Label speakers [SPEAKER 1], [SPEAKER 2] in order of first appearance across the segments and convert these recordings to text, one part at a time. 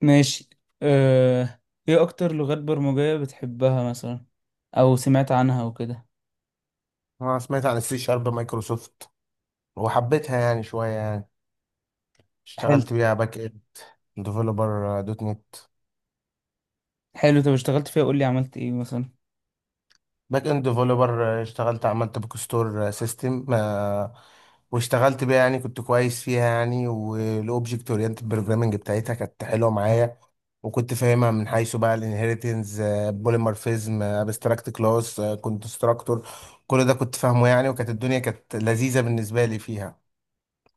[SPEAKER 1] ماشي. أه... ايه اكتر لغات برمجية بتحبها مثلا، او سمعت عنها وكده؟
[SPEAKER 2] انا سمعت عن السي شارب مايكروسوفت وحبيتها يعني شويه.
[SPEAKER 1] حلو،
[SPEAKER 2] اشتغلت بيها باك اند ديفلوبر دوت نت.
[SPEAKER 1] حلو. طب اشتغلت فيها، قول لي عملت ايه مثلا؟
[SPEAKER 2] باك اند ديفلوبر، اشتغلت عملت بوك ستور سيستم، واشتغلت بيها يعني كنت كويس فيها يعني. والاوبجكت اورينتد بروجرامنج بتاعتها كانت حلوه معايا، وكنت فاهمها من حيث بقى الانهيرتنس، بوليمورفيزم، ابستراكت كلاس، كونستراكتور. كل ده كنت فاهمه يعني، وكانت الدنيا كانت لذيذه بالنسبه لي فيها.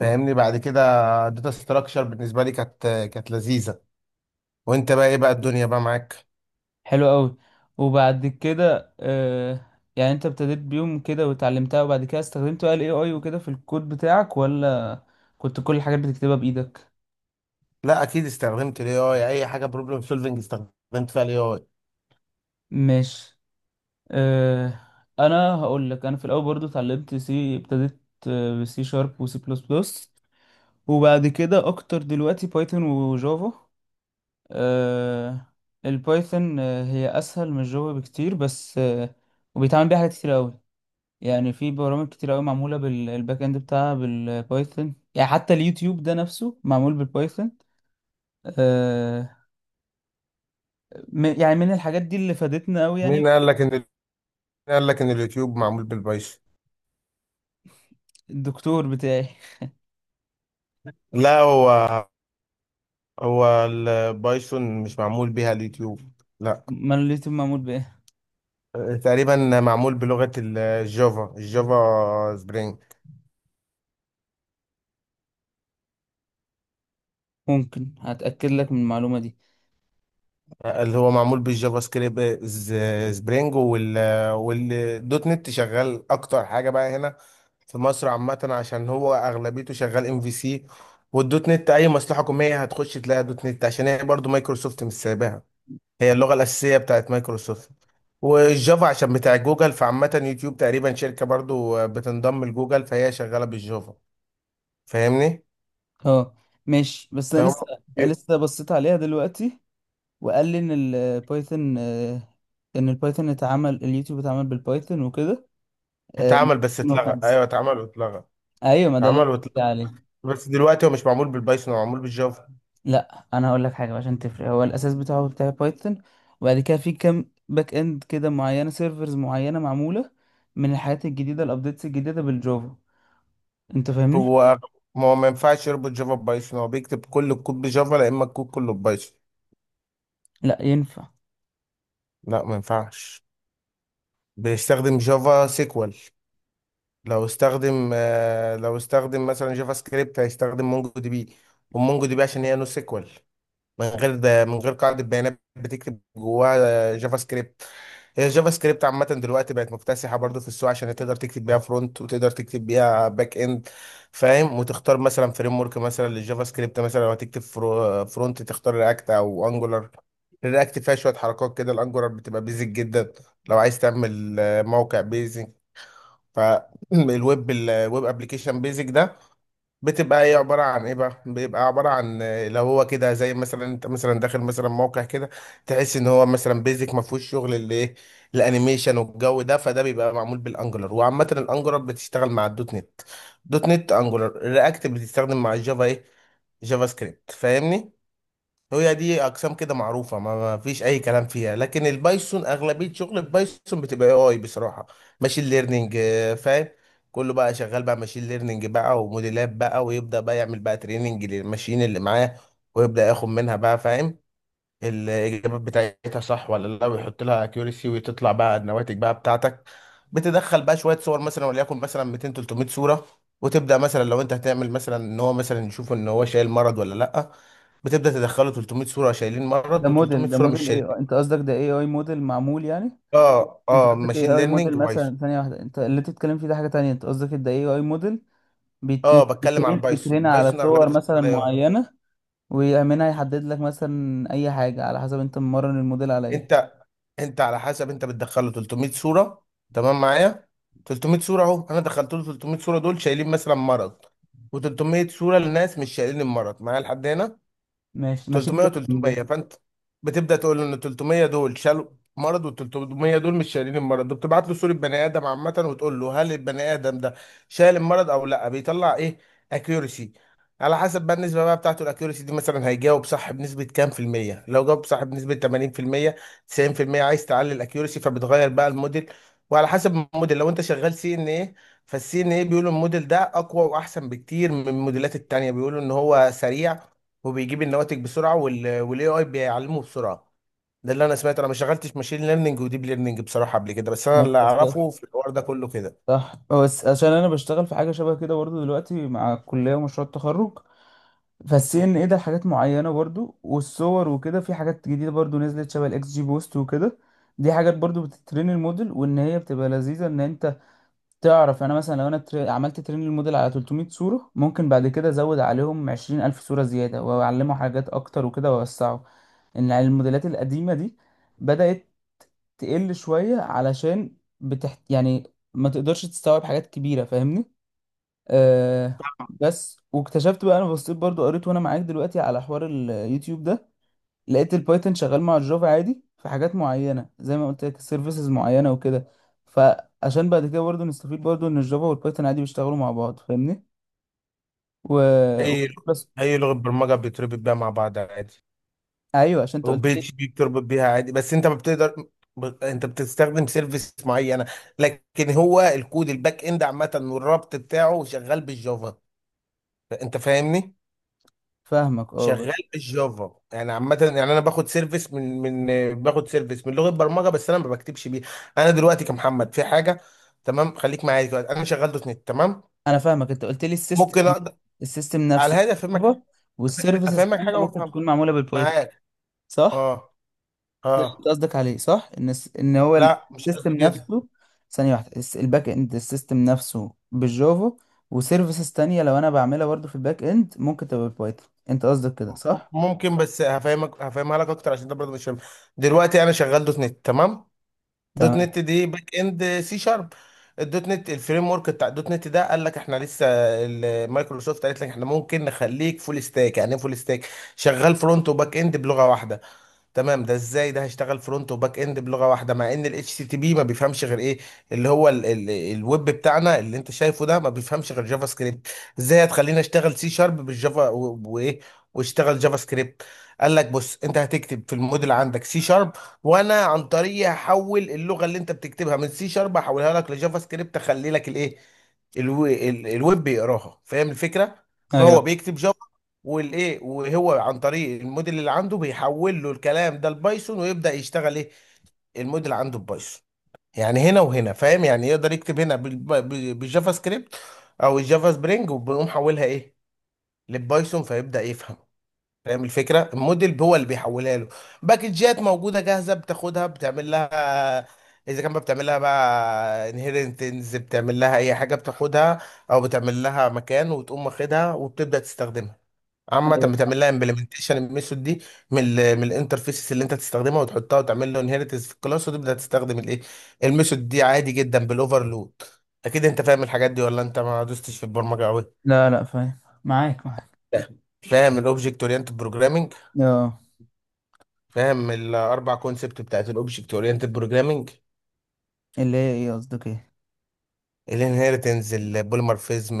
[SPEAKER 2] فاهمني؟ بعد كده، الداتا ستراكشر بالنسبه لي كانت لذيذه. وانت بقى ايه بقى الدنيا بقى معاك؟
[SPEAKER 1] حلو قوي. وبعد كده يعني انت ابتديت بيهم كده وتعلمتها، وبعد كده استخدمت بقى الاي اي وكده في الكود بتاعك، ولا كنت كل الحاجات بتكتبها بايدك؟
[SPEAKER 2] لا اكيد استخدمت الاي اي، اي حاجه بروبلم سولفنج استخدمت فيها الاي اي.
[SPEAKER 1] ماشي. أه... انا هقول لك، انا في الاول برضو اتعلمت سي، ابتديت بسي شارب وسي بلس بلس. وبعد كده اكتر دلوقتي بايثون وجافا. آه، البايثون هي اسهل من الجافا بكتير، بس وبيتعمل بيها حاجات كتير قوي. يعني في برامج كتير قوي معموله بالباك اند بتاعها بالبايثون، يعني حتى اليوتيوب ده نفسه معمول بالبايثون. آه، يعني من الحاجات دي اللي فادتنا قوي يعني.
[SPEAKER 2] مين قال لك ان اليوتيوب معمول بالبايثون؟
[SPEAKER 1] الدكتور بتاعي.
[SPEAKER 2] لا، هو البايثون مش معمول بيها اليوتيوب. لا،
[SPEAKER 1] ما اليوتيوب معمول بايه؟
[SPEAKER 2] تقريبا معمول بلغه الجافا، الجافا سبرينج.
[SPEAKER 1] ممكن هتاكد لك من المعلومه دي.
[SPEAKER 2] اللي هو معمول بالجافا سكريبت، سبرينج والدوت نت شغال اكتر حاجه بقى هنا في مصر عامه، عشان هو اغلبيته شغال ام في سي. والدوت نت اي مصلحه حكوميه هتخش تلاقي دوت نت، عشان هي برضو مايكروسوفت مش سايباها، هي اللغه الاساسيه بتاعت مايكروسوفت. والجافا عشان بتاع جوجل، فعامه يوتيوب تقريبا شركه برضو بتنضم لجوجل، فهي شغاله بالجافا. فاهمني؟
[SPEAKER 1] اه، ماشي. بس انا
[SPEAKER 2] فهم.
[SPEAKER 1] لسه
[SPEAKER 2] بي-
[SPEAKER 1] لسه بصيت عليها دلوقتي، وقال لي ان البايثون ان البايثون اتعمل اليوتيوب اتعمل بالبايثون وكده. آه،
[SPEAKER 2] اتعمل بس
[SPEAKER 1] من
[SPEAKER 2] اتلغى، ايوه
[SPEAKER 1] خمسة.
[SPEAKER 2] اتعمل واتلغى.
[SPEAKER 1] ايوه، ما ده اللي
[SPEAKER 2] اتعمل
[SPEAKER 1] انا قصدي
[SPEAKER 2] واتلغى،
[SPEAKER 1] عليه.
[SPEAKER 2] بس دلوقتي هو مش معمول بالبايثون، هو معمول بالجافا.
[SPEAKER 1] لا، انا هقول لك حاجه بقى عشان تفرق، هو الاساس بتاعه بتاع بايثون، وبعد كده في كام باك اند كده معينه، سيرفرز معينه معموله من الحاجات الجديده، الابديتس الجديده بالجافا. انت فاهمني؟
[SPEAKER 2] هو هو ما ينفعش يربط جافا ببايثون. هو بيكتب كل الكود بجافا، لا اما الكود كله ببايثون.
[SPEAKER 1] لا ينفع.
[SPEAKER 2] لا ما ينفعش. بيستخدم جافا سيكوال. لو استخدم مثلا جافا سكريبت هيستخدم مونجو دي بي. ومونجو دي بي عشان هي نو سيكوال، من غير قاعدة بيانات بتكتب جواها جافا سكريبت. هي الجافا سكريبت عامة دلوقتي بقت مكتسحة برضو في السوق، عشان تقدر تكتب بيها فرونت، وتقدر تكتب بيها باك اند. فاهم؟ وتختار مثلا فريم ورك مثلا للجافا سكريبت، مثلا لو هتكتب فرونت تختار رياكت او انجولار. الرياكت فيها شوية حركات كده، الانجولار بتبقى بيزك جدا. لو عايز تعمل موقع بيزك، الويب ابلكيشن بيزك ده بتبقى ايه؟ عبارة عن ايه بقى؟ بيبقى عبارة عن، آه، لو هو كده زي مثلا انت مثلا داخل مثلا موقع كده، تحس ان هو مثلا بيزك ما فيهوش شغل اللي ايه، الانيميشن والجو ده، فده بيبقى معمول بالانجلر. وعامة الانجلر بتشتغل مع الدوت نت، دوت نت انجلر. الرياكت بتستخدم مع الجافا ايه، جافا سكريبت. فاهمني؟ هي دي اقسام كده معروفه، ما فيش اي كلام فيها. لكن البايثون، اغلبيه شغل البايثون بتبقى اي اي بصراحه. ماشين ليرنينج. فاهم؟ كله بقى شغال بقى ماشين ليرنينج بقى، وموديلات بقى، ويبدا بقى يعمل بقى تريننج للماشين اللي معاه. ويبدا ياخد منها بقى، فاهم؟ الاجابات بتاعتها صح ولا لا، ويحط لها اكيورسي، وتطلع بقى النواتج بقى بتاعتك. بتدخل بقى شويه صور مثلا، وليكن مثلا 200 300 صوره. وتبدا مثلا، لو انت هتعمل مثلا ان هو مثلا يشوف ان هو شايل مرض ولا لا، بتبدا تدخله 300 صوره شايلين
[SPEAKER 1] ده
[SPEAKER 2] مرض،
[SPEAKER 1] موديل،
[SPEAKER 2] و300 صوره مش
[SPEAKER 1] ايه
[SPEAKER 2] شايلين.
[SPEAKER 1] انت قصدك؟ ده اي اي موديل معمول يعني؟
[SPEAKER 2] اه
[SPEAKER 1] انت
[SPEAKER 2] اه،
[SPEAKER 1] قصدك
[SPEAKER 2] ماشين
[SPEAKER 1] اي اي
[SPEAKER 2] ليرنينج
[SPEAKER 1] موديل
[SPEAKER 2] بايثون.
[SPEAKER 1] مثلا؟ ثانيه واحده، انت اللي انت بتتكلم فيه ده حاجه تانية. انت قصدك ده اي اي موديل بيت-
[SPEAKER 2] اه، بتكلم على
[SPEAKER 1] بترين
[SPEAKER 2] البايثون.
[SPEAKER 1] بترين على
[SPEAKER 2] بايثون
[SPEAKER 1] صور
[SPEAKER 2] اغلبيتها
[SPEAKER 1] مثلا
[SPEAKER 2] شغاله ايه؟
[SPEAKER 1] معينة، ويأمنها يحدد لك مثلا أي حاجة، على حسب أنت مرن الموديل على إيه.
[SPEAKER 2] انت انت على حسب انت بتدخله 300 صوره. تمام معايا؟ 300 صوره اهو، انا دخلت له 300 صوره دول شايلين مثلا مرض، و300 صوره لناس مش شايلين المرض. معايا لحد هنا؟
[SPEAKER 1] ماشي، ماشي. ده
[SPEAKER 2] 300
[SPEAKER 1] من
[SPEAKER 2] و300،
[SPEAKER 1] ده.
[SPEAKER 2] فانت بتبدا تقول له ان 300 دول شالوا مرض، وال 300 دول مش شايلين المرض. بتبعت له صوره بني ادم عامه، وتقول له هل البني ادم ده شايل المرض او لا؟ بيطلع ايه؟ اكيورسي. على حسب بقى النسبه بقى بتاعته، الاكيورسي دي مثلا هيجاوب صح بنسبه كام في الميه. لو جاوب صح بنسبه 80% 90%، عايز تعلي الاكيورسي فبتغير بقى الموديل. وعلى حسب الموديل، لو انت شغال سي ان ايه، فالسي ان ايه بيقولوا الموديل ده اقوى واحسن بكتير من الموديلات التانية. بيقولوا ان هو سريع، وبيجيب النواتج بسرعه، والاي اي بيعلمه بسرعه. ده اللي انا سمعت، انا ما شغلتش ماشين ليرنينج وديب ليرنينج بصراحه قبل كده، بس انا
[SPEAKER 1] ماشي،
[SPEAKER 2] اللي
[SPEAKER 1] بس.
[SPEAKER 2] اعرفه في الحوار ده كله كده.
[SPEAKER 1] صح، بس عشان أنا بشتغل في حاجة شبه كده برضو دلوقتي مع الكلية ومشروع التخرج. فالسي ان ايه ده حاجات معينة برضو، والصور وكده في حاجات جديدة برضو نزلت، شبه الاكس جي بوست وكده. دي حاجات برضو بتترين الموديل، وان هي بتبقى لذيذة. ان انت تعرف، انا مثلا لو انا عملت ترين للموديل على 300 صورة، ممكن بعد كده ازود عليهم 20,000 صورة زيادة، واعلمه حاجات اكتر وكده، واوسعه. ان الموديلات القديمة دي بدأت تقل شوية، علشان يعني ما تقدرش تستوعب حاجات كبيرة. فاهمني. آه. بس واكتشفت بقى، انا بصيت برضو، قريت وانا معاك دلوقتي على حوار اليوتيوب ده، لقيت البايثون شغال مع الجافا عادي في حاجات معينه، زي ما قلت لك، سيرفيسز معينه وكده. فعشان بعد كده برضه نستفيد برضه، ان الجافا والبايثون عادي بيشتغلوا مع بعض. فاهمني. و...
[SPEAKER 2] اي
[SPEAKER 1] بس.
[SPEAKER 2] اي لغه برمجه بتربط بيها مع بعض عادي.
[SPEAKER 1] ايوه، عشان انت
[SPEAKER 2] وبي
[SPEAKER 1] قلت لي.
[SPEAKER 2] اتش بي بتربط بيها عادي، بس انت ما بتقدر. انت بتستخدم سيرفيس معينه، لكن هو الكود الباك اند عامه والربط بتاعه شغال بالجافا. انت فاهمني؟
[SPEAKER 1] فاهمك اه،
[SPEAKER 2] شغال
[SPEAKER 1] بس
[SPEAKER 2] بالجافا. يعني عامة يعني، أنا باخد سيرفيس من، باخد سيرفيس من لغة برمجة، بس أنا ما بكتبش بيه. أنا دلوقتي كمحمد في حاجة، تمام؟ خليك معايا. دلوقتي أنا شغال دوت نت، تمام؟
[SPEAKER 1] انا فاهمك. انت قلت لي
[SPEAKER 2] ممكن أقدر
[SPEAKER 1] السيستم
[SPEAKER 2] على
[SPEAKER 1] نفسه
[SPEAKER 2] الهادي أفهمك.
[SPEAKER 1] جافا، والسيرفيسز
[SPEAKER 2] أفهمك
[SPEAKER 1] الثانيه
[SPEAKER 2] حاجة،
[SPEAKER 1] ممكن
[SPEAKER 2] وأفهم
[SPEAKER 1] تكون معموله بالبايثون،
[SPEAKER 2] معاك.
[SPEAKER 1] صح؟
[SPEAKER 2] أه،
[SPEAKER 1] انت
[SPEAKER 2] أه.
[SPEAKER 1] قصدك عليه، صح؟ ان ان هو
[SPEAKER 2] لا مش
[SPEAKER 1] السيستم
[SPEAKER 2] قصدي كده.
[SPEAKER 1] نفسه. ثانيه واحده، الباك اند السيستم نفسه بالجافا، وسيرفيسز تانية لو انا بعملها برضه في الباك اند ممكن تبقى بايثون. انت قصدك كده، صح؟
[SPEAKER 2] ممكن، بس هفهمك، هفهمها لك أكتر، عشان ده برضه مش فاهم. دلوقتي أنا شغال دوت نت، تمام. دوت
[SPEAKER 1] تمام.
[SPEAKER 2] نت دي باك اند سي شارب. الدوت نت، الفريم ورك بتاع الدوت نت ده، قال لك احنا لسه، مايكروسوفت قالت لك احنا ممكن نخليك فول ستاك. يعني ايه فول ستاك؟ شغال فرونت وباك اند بلغه واحده. تمام؟ ده ازاي؟ ده هشتغل فرونت وباك اند بلغه واحده مع ان الاتش تي بي ما بيفهمش غير ايه، اللي هو ال الويب بتاعنا اللي انت شايفه ده، ما بيفهمش غير جافا سكريبت. ازاي هتخليني اشتغل سي شارب بالجافا وايه، واشتغل جافا سكريبت؟ قال لك بص، انت هتكتب في الموديل عندك سي شارب، وانا عن طريقي هحول اللغه اللي انت بتكتبها من سي شارب، هحولها لك لجافا سكريبت، اخلي لك الايه، الويب بيقراها. فاهم الفكره؟ فهو
[SPEAKER 1] ايوه،
[SPEAKER 2] بيكتب، والايه، وهو عن طريق الموديل اللي عنده، بيحول له الكلام ده لبايثون، ويبدا يشتغل ايه، الموديل عنده ببايثون. يعني هنا وهنا فاهم؟ يعني يقدر يكتب هنا بالجافا سكريبت او الجافا سبرينج، وبنقوم حولها ايه، للبايثون، فيبدا يفهم. فاهم الفكره؟ الموديل هو اللي بيحولها له. باكجات موجوده جاهزه بتاخدها، بتعمل لها، اذا كان بقى بتعمل لها بقى انهيرنتنز، بتعمل لها اي حاجه، بتاخدها او بتعمل لها مكان وتقوم واخدها، وبتبدا تستخدمها. عامة
[SPEAKER 1] ايوه.
[SPEAKER 2] بتعمل لها امبلمنتيشن الميثود دي من الانترفيسز اللي انت تستخدمها، وتحطها وتعمل له انهيرتنس في الكلاس، وتبدا تستخدم الايه، الميثود دي، عادي جدا بالاوفرلود. اكيد انت فاهم الحاجات دي ولا انت ما دوستش في البرمجه قوي؟
[SPEAKER 1] لا، لا، فاهم، معاك، معاك.
[SPEAKER 2] فاهم. فاهم الاوبجكت اورينتد بروجرامنج.
[SPEAKER 1] اه.
[SPEAKER 2] فاهم الاربع كونسبت بتاعت الاوبجكت اورينتد بروجرامنج،
[SPEAKER 1] اللي هي ايه، قصدك ايه؟
[SPEAKER 2] الانهيرتنس، البوليمورفيزم،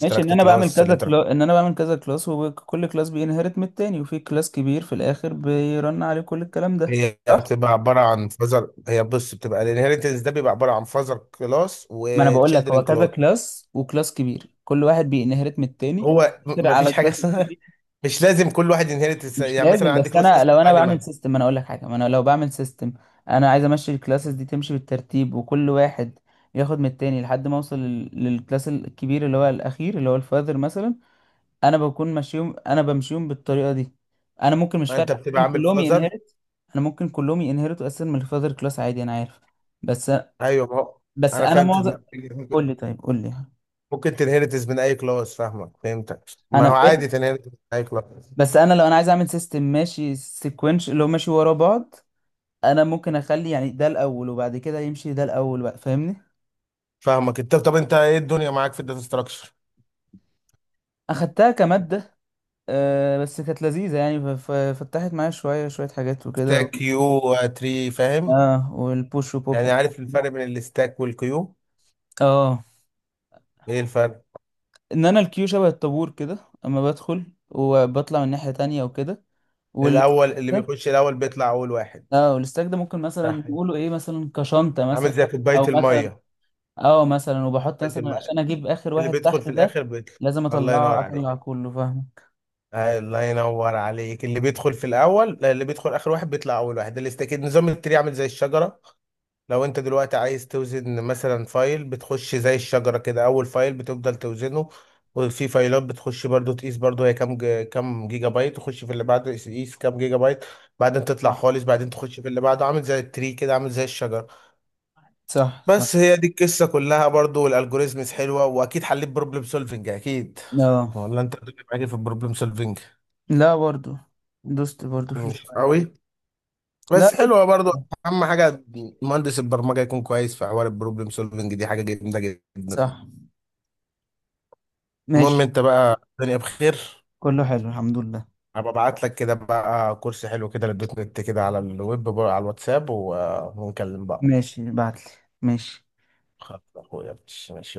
[SPEAKER 1] ماشي،
[SPEAKER 2] كلاس، الانتر.
[SPEAKER 1] ان انا بعمل كذا كلاس، وكل كلاس بينهرت من التاني، وفي كلاس كبير في الاخر بيرن عليه كل الكلام ده.
[SPEAKER 2] هي
[SPEAKER 1] صح.
[SPEAKER 2] بتبقى عباره عن فازر هي بص بتبقى الانهيرتنس ده بيبقى عباره عن فازر كلاس
[SPEAKER 1] ما انا بقول لك، هو
[SPEAKER 2] وتشيلدرن
[SPEAKER 1] كذا
[SPEAKER 2] كلاس.
[SPEAKER 1] كلاس وكلاس كبير، كل واحد بينهرت من التاني.
[SPEAKER 2] هو
[SPEAKER 1] كتير على
[SPEAKER 2] مفيش حاجه
[SPEAKER 1] كلاس
[SPEAKER 2] اسمها
[SPEAKER 1] كبير.
[SPEAKER 2] مش لازم كل واحد ينهرت.
[SPEAKER 1] مش
[SPEAKER 2] يعني مثلا
[SPEAKER 1] لازم.
[SPEAKER 2] عندي
[SPEAKER 1] بس
[SPEAKER 2] كلاس
[SPEAKER 1] انا
[SPEAKER 2] اسمه
[SPEAKER 1] لو انا بعمل
[SPEAKER 2] انيمال،
[SPEAKER 1] سيستم، انا اقول لك حاجه. ما انا لو بعمل سيستم، انا عايز امشي الكلاسز دي تمشي بالترتيب، وكل واحد ياخد من التاني لحد ما اوصل للكلاس الكبير، اللي هو الاخير، اللي هو الفاذر مثلا. انا بكون ماشيهم، انا بمشيهم بالطريقه دي. انا ممكن، مش فارق،
[SPEAKER 2] انت بتبقى
[SPEAKER 1] ممكن
[SPEAKER 2] عامل
[SPEAKER 1] كلهم
[SPEAKER 2] فازر.
[SPEAKER 1] ينهرت، انا ممكن كلهم ينهرتوا اساسا من الفاذر كلاس عادي، انا عارف. بس،
[SPEAKER 2] ايوه ما هو. انا
[SPEAKER 1] انا
[SPEAKER 2] فاهم
[SPEAKER 1] معظم.
[SPEAKER 2] تدماغك.
[SPEAKER 1] قول
[SPEAKER 2] ممكن
[SPEAKER 1] لي، طيب قول لي.
[SPEAKER 2] ممكن تنهرتس من اي كلاس. فاهمك، فهمتك، ما
[SPEAKER 1] انا
[SPEAKER 2] هو
[SPEAKER 1] فاهم،
[SPEAKER 2] عادي تنهرتس من اي كلاس.
[SPEAKER 1] بس انا لو انا عايز اعمل سيستم ماشي سيكونش اللي هو ماشي ورا بعض. انا ممكن اخلي يعني ده الاول، وبعد كده يمشي ده الاول بقى. فاهمني.
[SPEAKER 2] فاهمك. انت طب انت ايه الدنيا معاك في الداتا ستراكشر؟
[SPEAKER 1] اخدتها كمادة. بس كانت لذيذة يعني. فتحت معايا شوية شوية حاجات وكده
[SPEAKER 2] ستاك،
[SPEAKER 1] و-
[SPEAKER 2] كيو، تري، فاهم؟
[SPEAKER 1] اه، والبوش وبوب.
[SPEAKER 2] يعني عارف الفرق بين الستاك والكيو؟
[SPEAKER 1] اه،
[SPEAKER 2] ايه الفرق؟
[SPEAKER 1] ان انا الكيو شبه الطابور كده، اما بدخل وبطلع من ناحية تانية وكده. والستاك
[SPEAKER 2] الاول اللي
[SPEAKER 1] ده
[SPEAKER 2] بيخش الاول بيطلع اول واحد.
[SPEAKER 1] اه، والستاك ده ممكن مثلا
[SPEAKER 2] صح،
[SPEAKER 1] نقوله ايه، مثلا كشنطة
[SPEAKER 2] عامل
[SPEAKER 1] مثلا،
[SPEAKER 2] زي كوبايه
[SPEAKER 1] او مثلا.
[SPEAKER 2] الميه.
[SPEAKER 1] اه مثلا وبحط
[SPEAKER 2] كوبايه
[SPEAKER 1] مثلا
[SPEAKER 2] الميه،
[SPEAKER 1] عشان اجيب اخر
[SPEAKER 2] اللي
[SPEAKER 1] واحد
[SPEAKER 2] بيدخل
[SPEAKER 1] تحت
[SPEAKER 2] في
[SPEAKER 1] ده،
[SPEAKER 2] الاخر بيطلع.
[SPEAKER 1] لازم
[SPEAKER 2] الله ينور
[SPEAKER 1] اطلعه،
[SPEAKER 2] عليك.
[SPEAKER 1] اطلع كله. فاهم.
[SPEAKER 2] الله ينور عليك. اللي بيدخل في الاول لا اللي بيدخل اخر واحد بيطلع اول واحد. اللي استكيد، نظام التري عامل زي الشجره. لو انت دلوقتي عايز توزن مثلا فايل، بتخش زي الشجره كده، اول فايل بتفضل توزنه، وفي فايلات بتخش برضو تقيس برضو هي كام كام جيجا بايت، تخش في اللي بعده تقيس كام جيجا بايت، بعدين تطلع
[SPEAKER 1] صح،
[SPEAKER 2] خالص، بعدين تخش في اللي بعده. عامل زي التري كده، عامل زي الشجره.
[SPEAKER 1] صح، صح.
[SPEAKER 2] بس هي دي القصه كلها برضو. والالجوريزمز حلوه، واكيد حليت بروبلم سولفنج، اكيد؟
[SPEAKER 1] اه.
[SPEAKER 2] ولا انت بتبقى معاكي في البروبلم سولفنج
[SPEAKER 1] لا، برضو دوست برضو في
[SPEAKER 2] مش
[SPEAKER 1] شوية.
[SPEAKER 2] قوي؟
[SPEAKER 1] لا،
[SPEAKER 2] بس حلوه برضو. اهم حاجه مهندس البرمجه يكون كويس في حوار البروبلم سولفنج، دي حاجه جامده جدا.
[SPEAKER 1] صح.
[SPEAKER 2] المهم
[SPEAKER 1] ماشي،
[SPEAKER 2] انت بقى، الدنيا بخير؟
[SPEAKER 1] كله حلو الحمد لله.
[SPEAKER 2] هبقى ابعت لك كده بقى كورس حلو كده للدوت نت كده على الويب بقى، على الواتساب، ونكلم بقى.
[SPEAKER 1] ماشي، بعتلي. ماشي.
[SPEAKER 2] خلاص يا اخويا. ماشي.